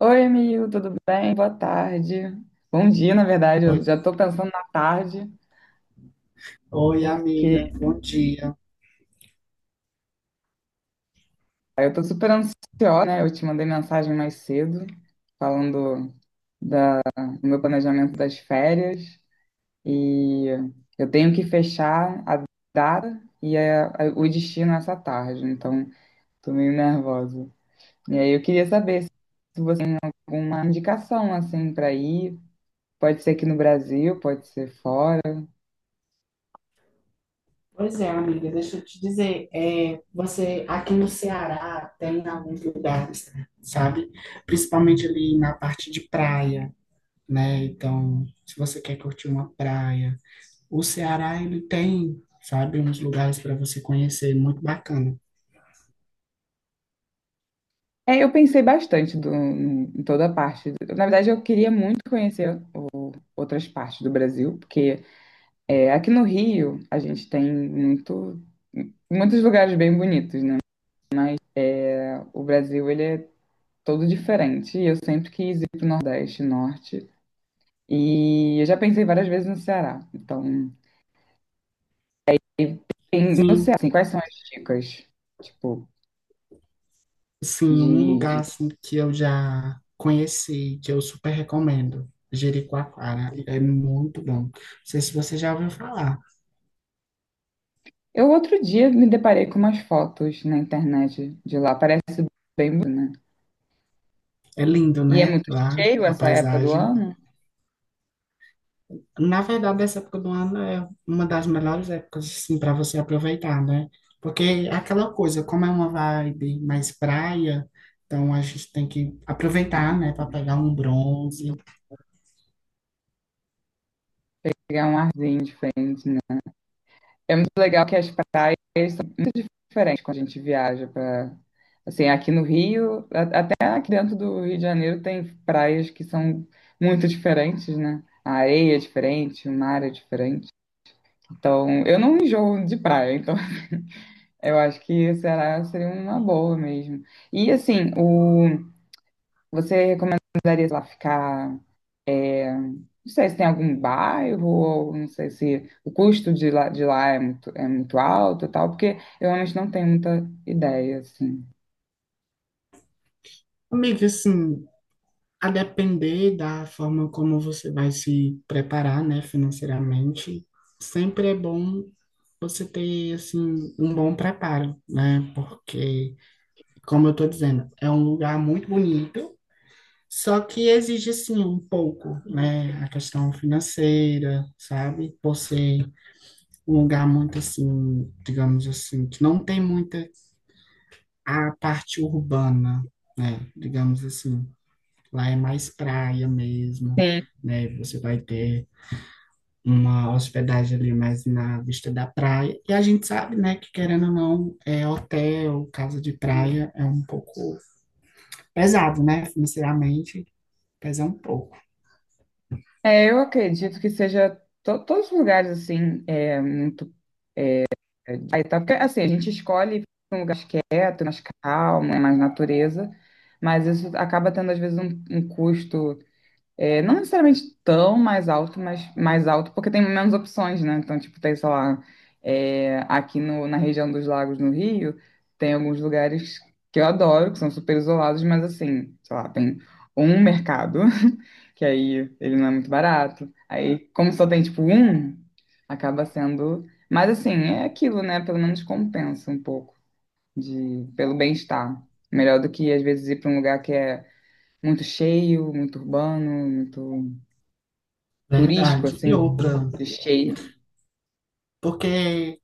Oi, amigo, tudo bem? Boa tarde. Bom dia, na verdade. Oi, Eu já tô pensando na tarde, oi, porque amiga, bom dia. eu tô super ansiosa, né? Eu te mandei mensagem mais cedo, falando da- do meu planejamento das férias. E eu tenho que fechar a data e o destino essa tarde, então tô meio nervosa. E aí eu queria saber se você tem alguma indicação, assim, para ir. Pode ser aqui no Brasil, pode ser fora. Pois é, amiga, deixa eu te dizer, é, você aqui no Ceará tem alguns lugares, sabe? Principalmente ali na parte de praia, né? Então, se você quer curtir uma praia, o Ceará ele tem, sabe, uns lugares para você conhecer muito bacana. É, eu pensei bastante em toda a parte. Na verdade, eu queria muito conhecer outras partes do Brasil, porque é, aqui no Rio a gente tem muitos lugares bem bonitos, né? O Brasil, ele é todo diferente. E eu sempre quis ir para o Nordeste, Norte. E eu já pensei várias vezes no Ceará. Então, no Ceará, Sim, assim, quais são as dicas? Tipo, sim, um de, lugar de... assim, que eu já conheci, que eu super recomendo, Jericoacoara, é muito bom. Não sei se você já ouviu falar. Eu outro dia me deparei com umas fotos na internet de lá. Parece bem bonito, né? É lindo, E é né? muito Lá, cheio a essa época do paisagem. ano, Na verdade, essa época do ano é uma das melhores épocas, assim, para você aproveitar, né? Porque é aquela coisa, como é uma vibe mais praia, então a gente tem que aproveitar, né, para pegar um bronze. pegar um arzinho. É muito legal que as praias são diferentes quando a gente viaja para assim, aqui no Rio, até aqui dentro do Rio de Janeiro tem praias que são muito diferentes, né? A areia é diferente, o mar é diferente. Então, eu não enjoo de praia, então eu acho que será seria uma boa mesmo. E assim, o você recomendaria sei lá ficar. Não sei se tem algum bairro, ou não sei se o custo de lá é é muito alto e tal, porque eu realmente não tenho muita ideia, assim. Amiga, assim, a depender da forma como você vai se preparar, né, financeiramente, sempre é bom você ter, assim, um bom preparo, né? Porque, como eu tô dizendo, é um lugar muito bonito. Só que exige sim um pouco, né? A questão financeira, sabe? Por ser um lugar muito assim, digamos assim, que não tem muita a parte urbana, né? Digamos assim, lá é mais praia mesmo, Sim. né? Você vai ter uma hospedagem ali mais na vista da praia. E a gente sabe, né, que querendo ou não, é hotel, casa de praia é um pouco pesado, né? Financeiramente pesa um pouco. É, eu acredito que seja todos os lugares, assim, é muito... É, aí tá, porque, assim, a gente escolhe um lugar mais quieto, mais calmo, né, mais natureza, mas isso acaba tendo, às vezes, um custo. É, não necessariamente tão mais alto, mas mais alto, porque tem menos opções, né? Então, tipo, tem, sei lá, é, aqui no, na região dos lagos no Rio, tem alguns lugares que eu adoro, que são super isolados, mas assim, sei lá, tem um mercado, que aí ele não é muito barato. Aí, como só tem, tipo, um, acaba sendo. Mas assim, é aquilo, né? Pelo menos compensa um pouco de, pelo bem-estar. Melhor do que, às vezes, ir para um lugar que é muito cheio, muito urbano, muito turístico, Verdade. E assim, outra. de cheio. Porque,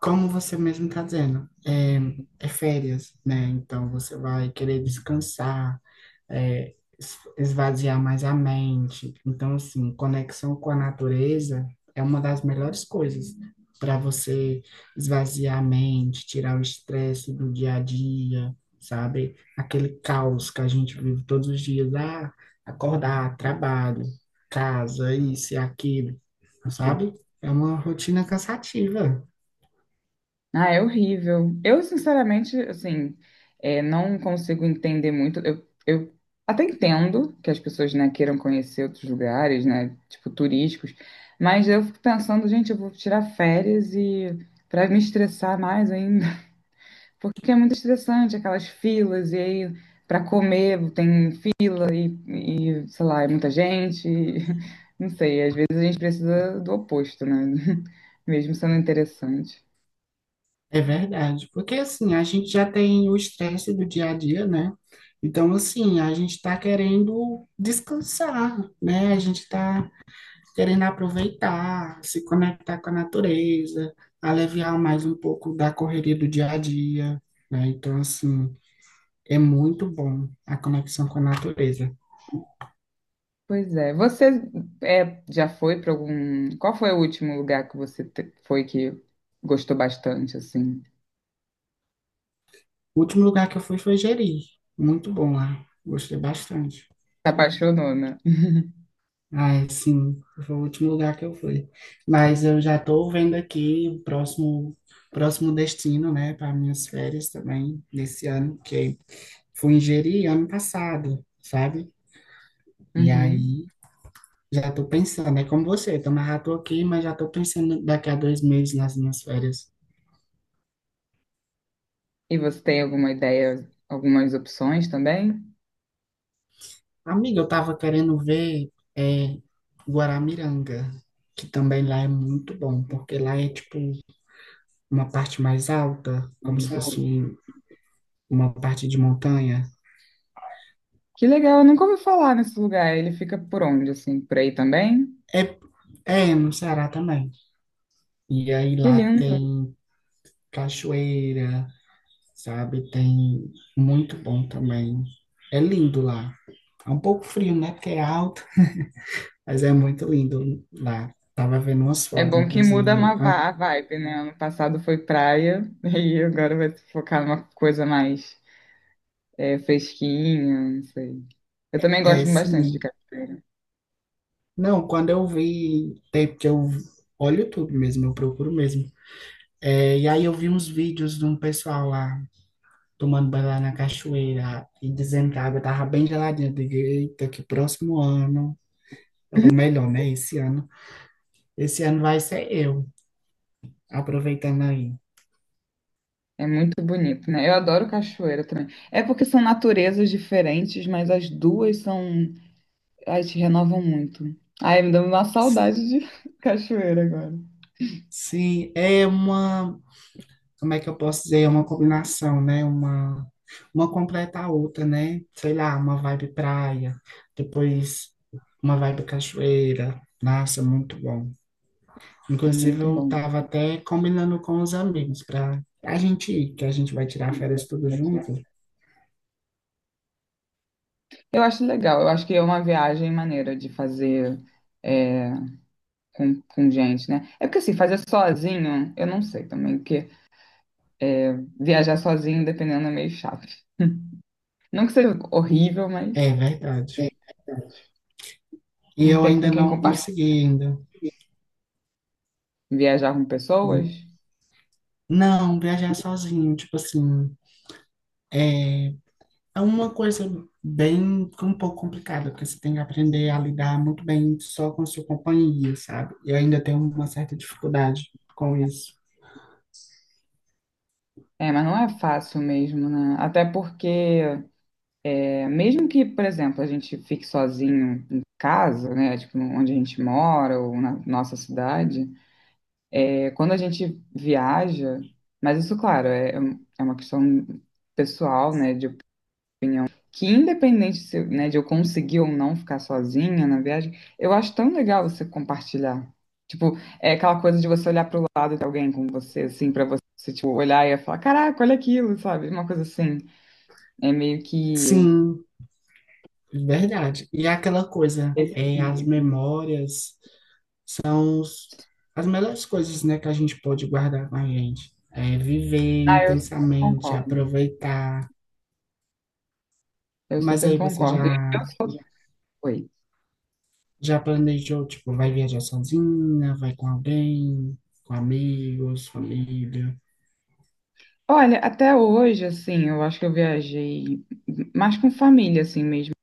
como você mesmo está dizendo, é, é férias, né? Então você vai querer descansar, é, esvaziar mais a mente. Então, assim, conexão com a natureza é uma das melhores coisas para você esvaziar a mente, tirar o estresse do dia a dia, sabe? Aquele caos que a gente vive todos os dias, ah, acordar, trabalho, casa, isso e aquilo, sabe? É uma rotina cansativa. Ah, é horrível. Eu, sinceramente, assim, é, não consigo entender muito. Eu até entendo que as pessoas, né, queiram conhecer outros lugares, né, tipo turísticos, mas eu fico pensando, gente, eu vou tirar férias e para me estressar mais ainda, porque é muito estressante aquelas filas e aí para comer tem sei lá, é muita gente. Não sei, às vezes a gente precisa do oposto, né? Mesmo sendo interessante. É verdade, porque assim, a gente já tem o estresse do dia a dia, né? Então, assim, a gente está querendo descansar, né? A gente está querendo aproveitar, se conectar com a natureza, aliviar mais um pouco da correria do dia a dia, né? Então, assim, é muito bom a conexão com a natureza. Pois é. Você é, já foi para algum. Qual foi o último lugar que você foi que gostou bastante, assim? O último lugar que eu fui foi Jeri, muito bom lá, gostei bastante. Se apaixonou, né? Ah, sim, foi o último lugar que eu fui. Mas eu já estou vendo aqui o próximo destino, né, para minhas férias também, desse ano, que fui em Jeri ano passado, sabe? E Uhum. aí já estou pensando, é como você, então mas já tô aqui, mas já estou pensando daqui a dois meses nas minhas férias. E você tem alguma ideia, algumas opções também? Amiga, eu estava querendo ver é, Guaramiranga, que também lá é muito bom, porque lá é tipo uma parte mais alta, como se fosse uma parte de montanha. Que legal, eu nunca ouvi falar nesse lugar. Ele fica por onde, assim? Por aí também? É, é no Ceará também. E aí Que lá lindo. tem cachoeira, sabe? Tem muito bom também. É lindo lá. É um pouco frio, né? Porque é alto, mas é muito lindo lá. Tava vendo umas É fotos, bom que muda inclusive. uma Ah, a vibe, né? Ano passado foi praia e agora vai se focar numa coisa mais é, fresquinha, não sei. Eu também é, gosto bastante de sim. cachoeira. Não, quando eu vi, tem porque eu olho tudo mesmo, eu procuro mesmo. É, e aí eu vi uns vídeos de um pessoal lá tomando banho lá na cachoeira e dizendo que a água tava bem geladinha. Eu digo, eita, que próximo ano, ou melhor, né? Esse ano vai ser eu, aproveitando aí. É muito bonito, né? Eu adoro cachoeira também. É porque são naturezas diferentes, mas as duas são. Ai, te renovam muito. Ai, me dá uma S- saudade de cachoeira agora. Sim, é uma, como é que eu posso dizer? É uma combinação, né? Uma completa a outra, né? Sei lá, uma vibe praia, depois uma vibe cachoeira. Nossa, muito bom. É Inclusive, muito eu bom. tava até combinando com os amigos para a gente ir, que a gente vai tirar férias tudo junto. Eu acho legal. Eu acho que é uma viagem maneira de fazer. É, com gente, né? É porque assim, fazer sozinho, eu não sei também, porque é, viajar sozinho, dependendo, é meio chato. Não que seja horrível, mas É verdade. é. E Não eu tem com ainda quem não compartilhar. consegui ainda. Viajar com pessoas. Não, viajar sozinho, tipo assim, é uma coisa bem um pouco complicada, porque você tem que aprender a lidar muito bem só com a sua companhia, sabe? Eu ainda tenho uma certa dificuldade com isso. É, mas não é fácil mesmo, né? Até porque, é, mesmo que, por exemplo, a gente fique sozinho em casa, né? Tipo, onde a gente mora ou na nossa cidade, é, quando a gente viaja, mas isso, claro, é, é uma questão pessoal, né? De que independente se, né, de eu conseguir ou não ficar sozinha na viagem, eu acho tão legal você compartilhar. Tipo, é aquela coisa de você olhar pro lado de alguém com você, assim, pra você, tipo, olhar e falar, caraca, olha aquilo, sabe? Uma coisa assim. É meio que Sim, verdade. E é aquela coisa, esse é, as equilíbrio. memórias são as melhores coisas, né, que a gente pode guardar com a gente. É viver Ah, eu super intensamente, concordo. aproveitar. Eu Mas super aí você concordo. E eu já. sou... Oi. Já planejou, tipo, vai viajar sozinha, vai com alguém, com amigos, família? Olha, até hoje, assim, eu acho que eu viajei mais com família, assim, mesmo.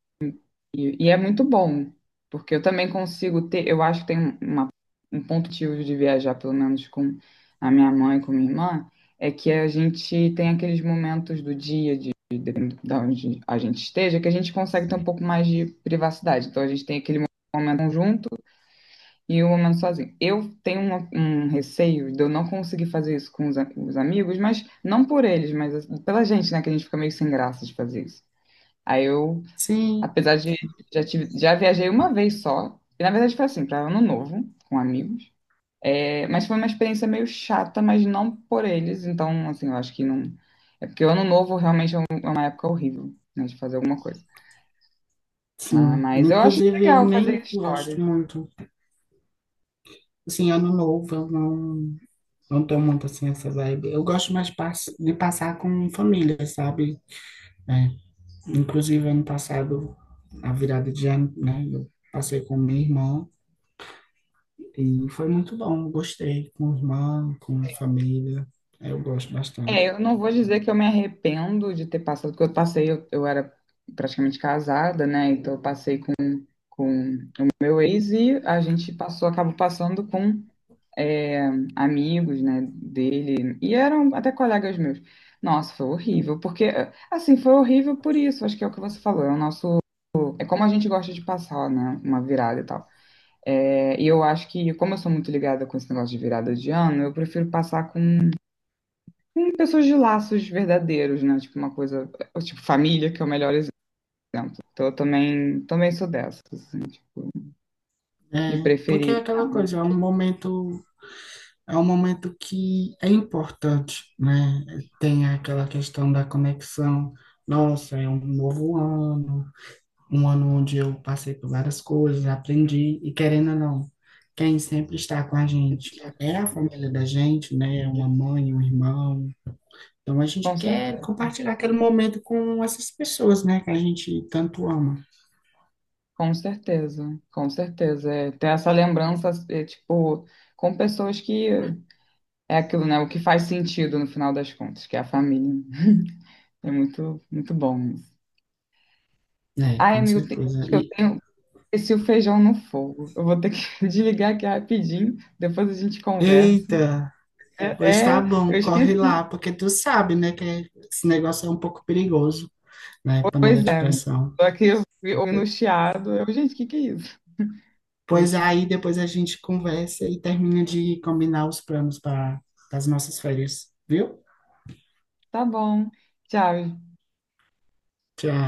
E é muito bom, porque eu também consigo ter, eu acho que tem uma, um ponto positivo de viajar, pelo menos com a minha mãe, e com minha irmã, é que a gente tem aqueles momentos do dia, de, da onde a gente esteja, que a gente consegue ter um pouco mais de privacidade. Então a gente tem aquele momento junto e o momento sozinho. Eu tenho um, receio de eu não conseguir fazer isso com os, os amigos, mas não por eles, mas pela gente, né? Que a gente fica meio sem graça de fazer isso. Aí eu Sim, apesar de já, tive, já viajei uma vez só. E na verdade foi assim, para Ano Novo, com amigos. É, mas foi uma experiência meio chata, mas não por eles. Então, assim, eu acho que não. É porque o Ano Novo realmente é é uma época horrível, né, de fazer alguma coisa. Ah, sim. mas eu acho Inclusive, eu legal fazer nem gosto histórias. muito. Assim, ano novo, eu não, não tô muito assim essa vibe. Eu gosto mais de passar com família, sabe? É. Inclusive, ano passado, a virada de ano, né? Eu passei com minha irmã e foi muito bom. Gostei. Com irmã, com família. É, eu gosto É, bastante. eu não vou dizer que eu me arrependo de ter passado, porque eu passei, eu era praticamente casada, né? Então eu passei com o meu ex e a gente passou, acabou passando com amigos, né, dele, e eram até colegas meus. Nossa, foi horrível, porque, assim, foi horrível por isso, acho que é o que você falou, é o nosso, é como a gente gosta de passar, né, uma virada e tal. É, e eu acho que, como eu sou muito ligada com esse negócio de virada de ano, eu prefiro passar com pessoas de laços verdadeiros, né, tipo uma coisa, tipo família, que é o melhor exemplo. Então eu também, também sou dessas, assim, tipo, de É, porque é preferir ficar. aquela coisa, é um momento que é importante, né? Tem aquela questão da conexão. Nossa, é um novo ano, um ano onde eu passei por várias coisas, aprendi, e querendo ou não, quem sempre está com a gente é a família da gente, né? É uma mãe, um irmão. Então a gente Com quer certeza. compartilhar aquele momento com essas pessoas, né? Que a gente tanto ama. Com certeza, com certeza. É, ter essa lembrança, é, tipo, com pessoas que é aquilo, né? O que faz sentido no final das contas, que é a família. É muito, muito bom isso. É, Ai, com amigo, tem- certeza. acho que eu E, tenho esse o feijão no fogo. Eu vou ter que desligar aqui rapidinho, depois a gente conversa. eita! Pois É, tá é, eu bom, corre esqueci. lá, porque tu sabe, né, que esse negócio é um pouco perigoso, né, panela Pois de é, pressão. tô aqui ouvindo o chiado. Eu, gente, o que que é isso? Pois Deixa. aí depois a gente conversa e termina de combinar os planos para as nossas férias, viu? Tá bom. Tchau. Tchau.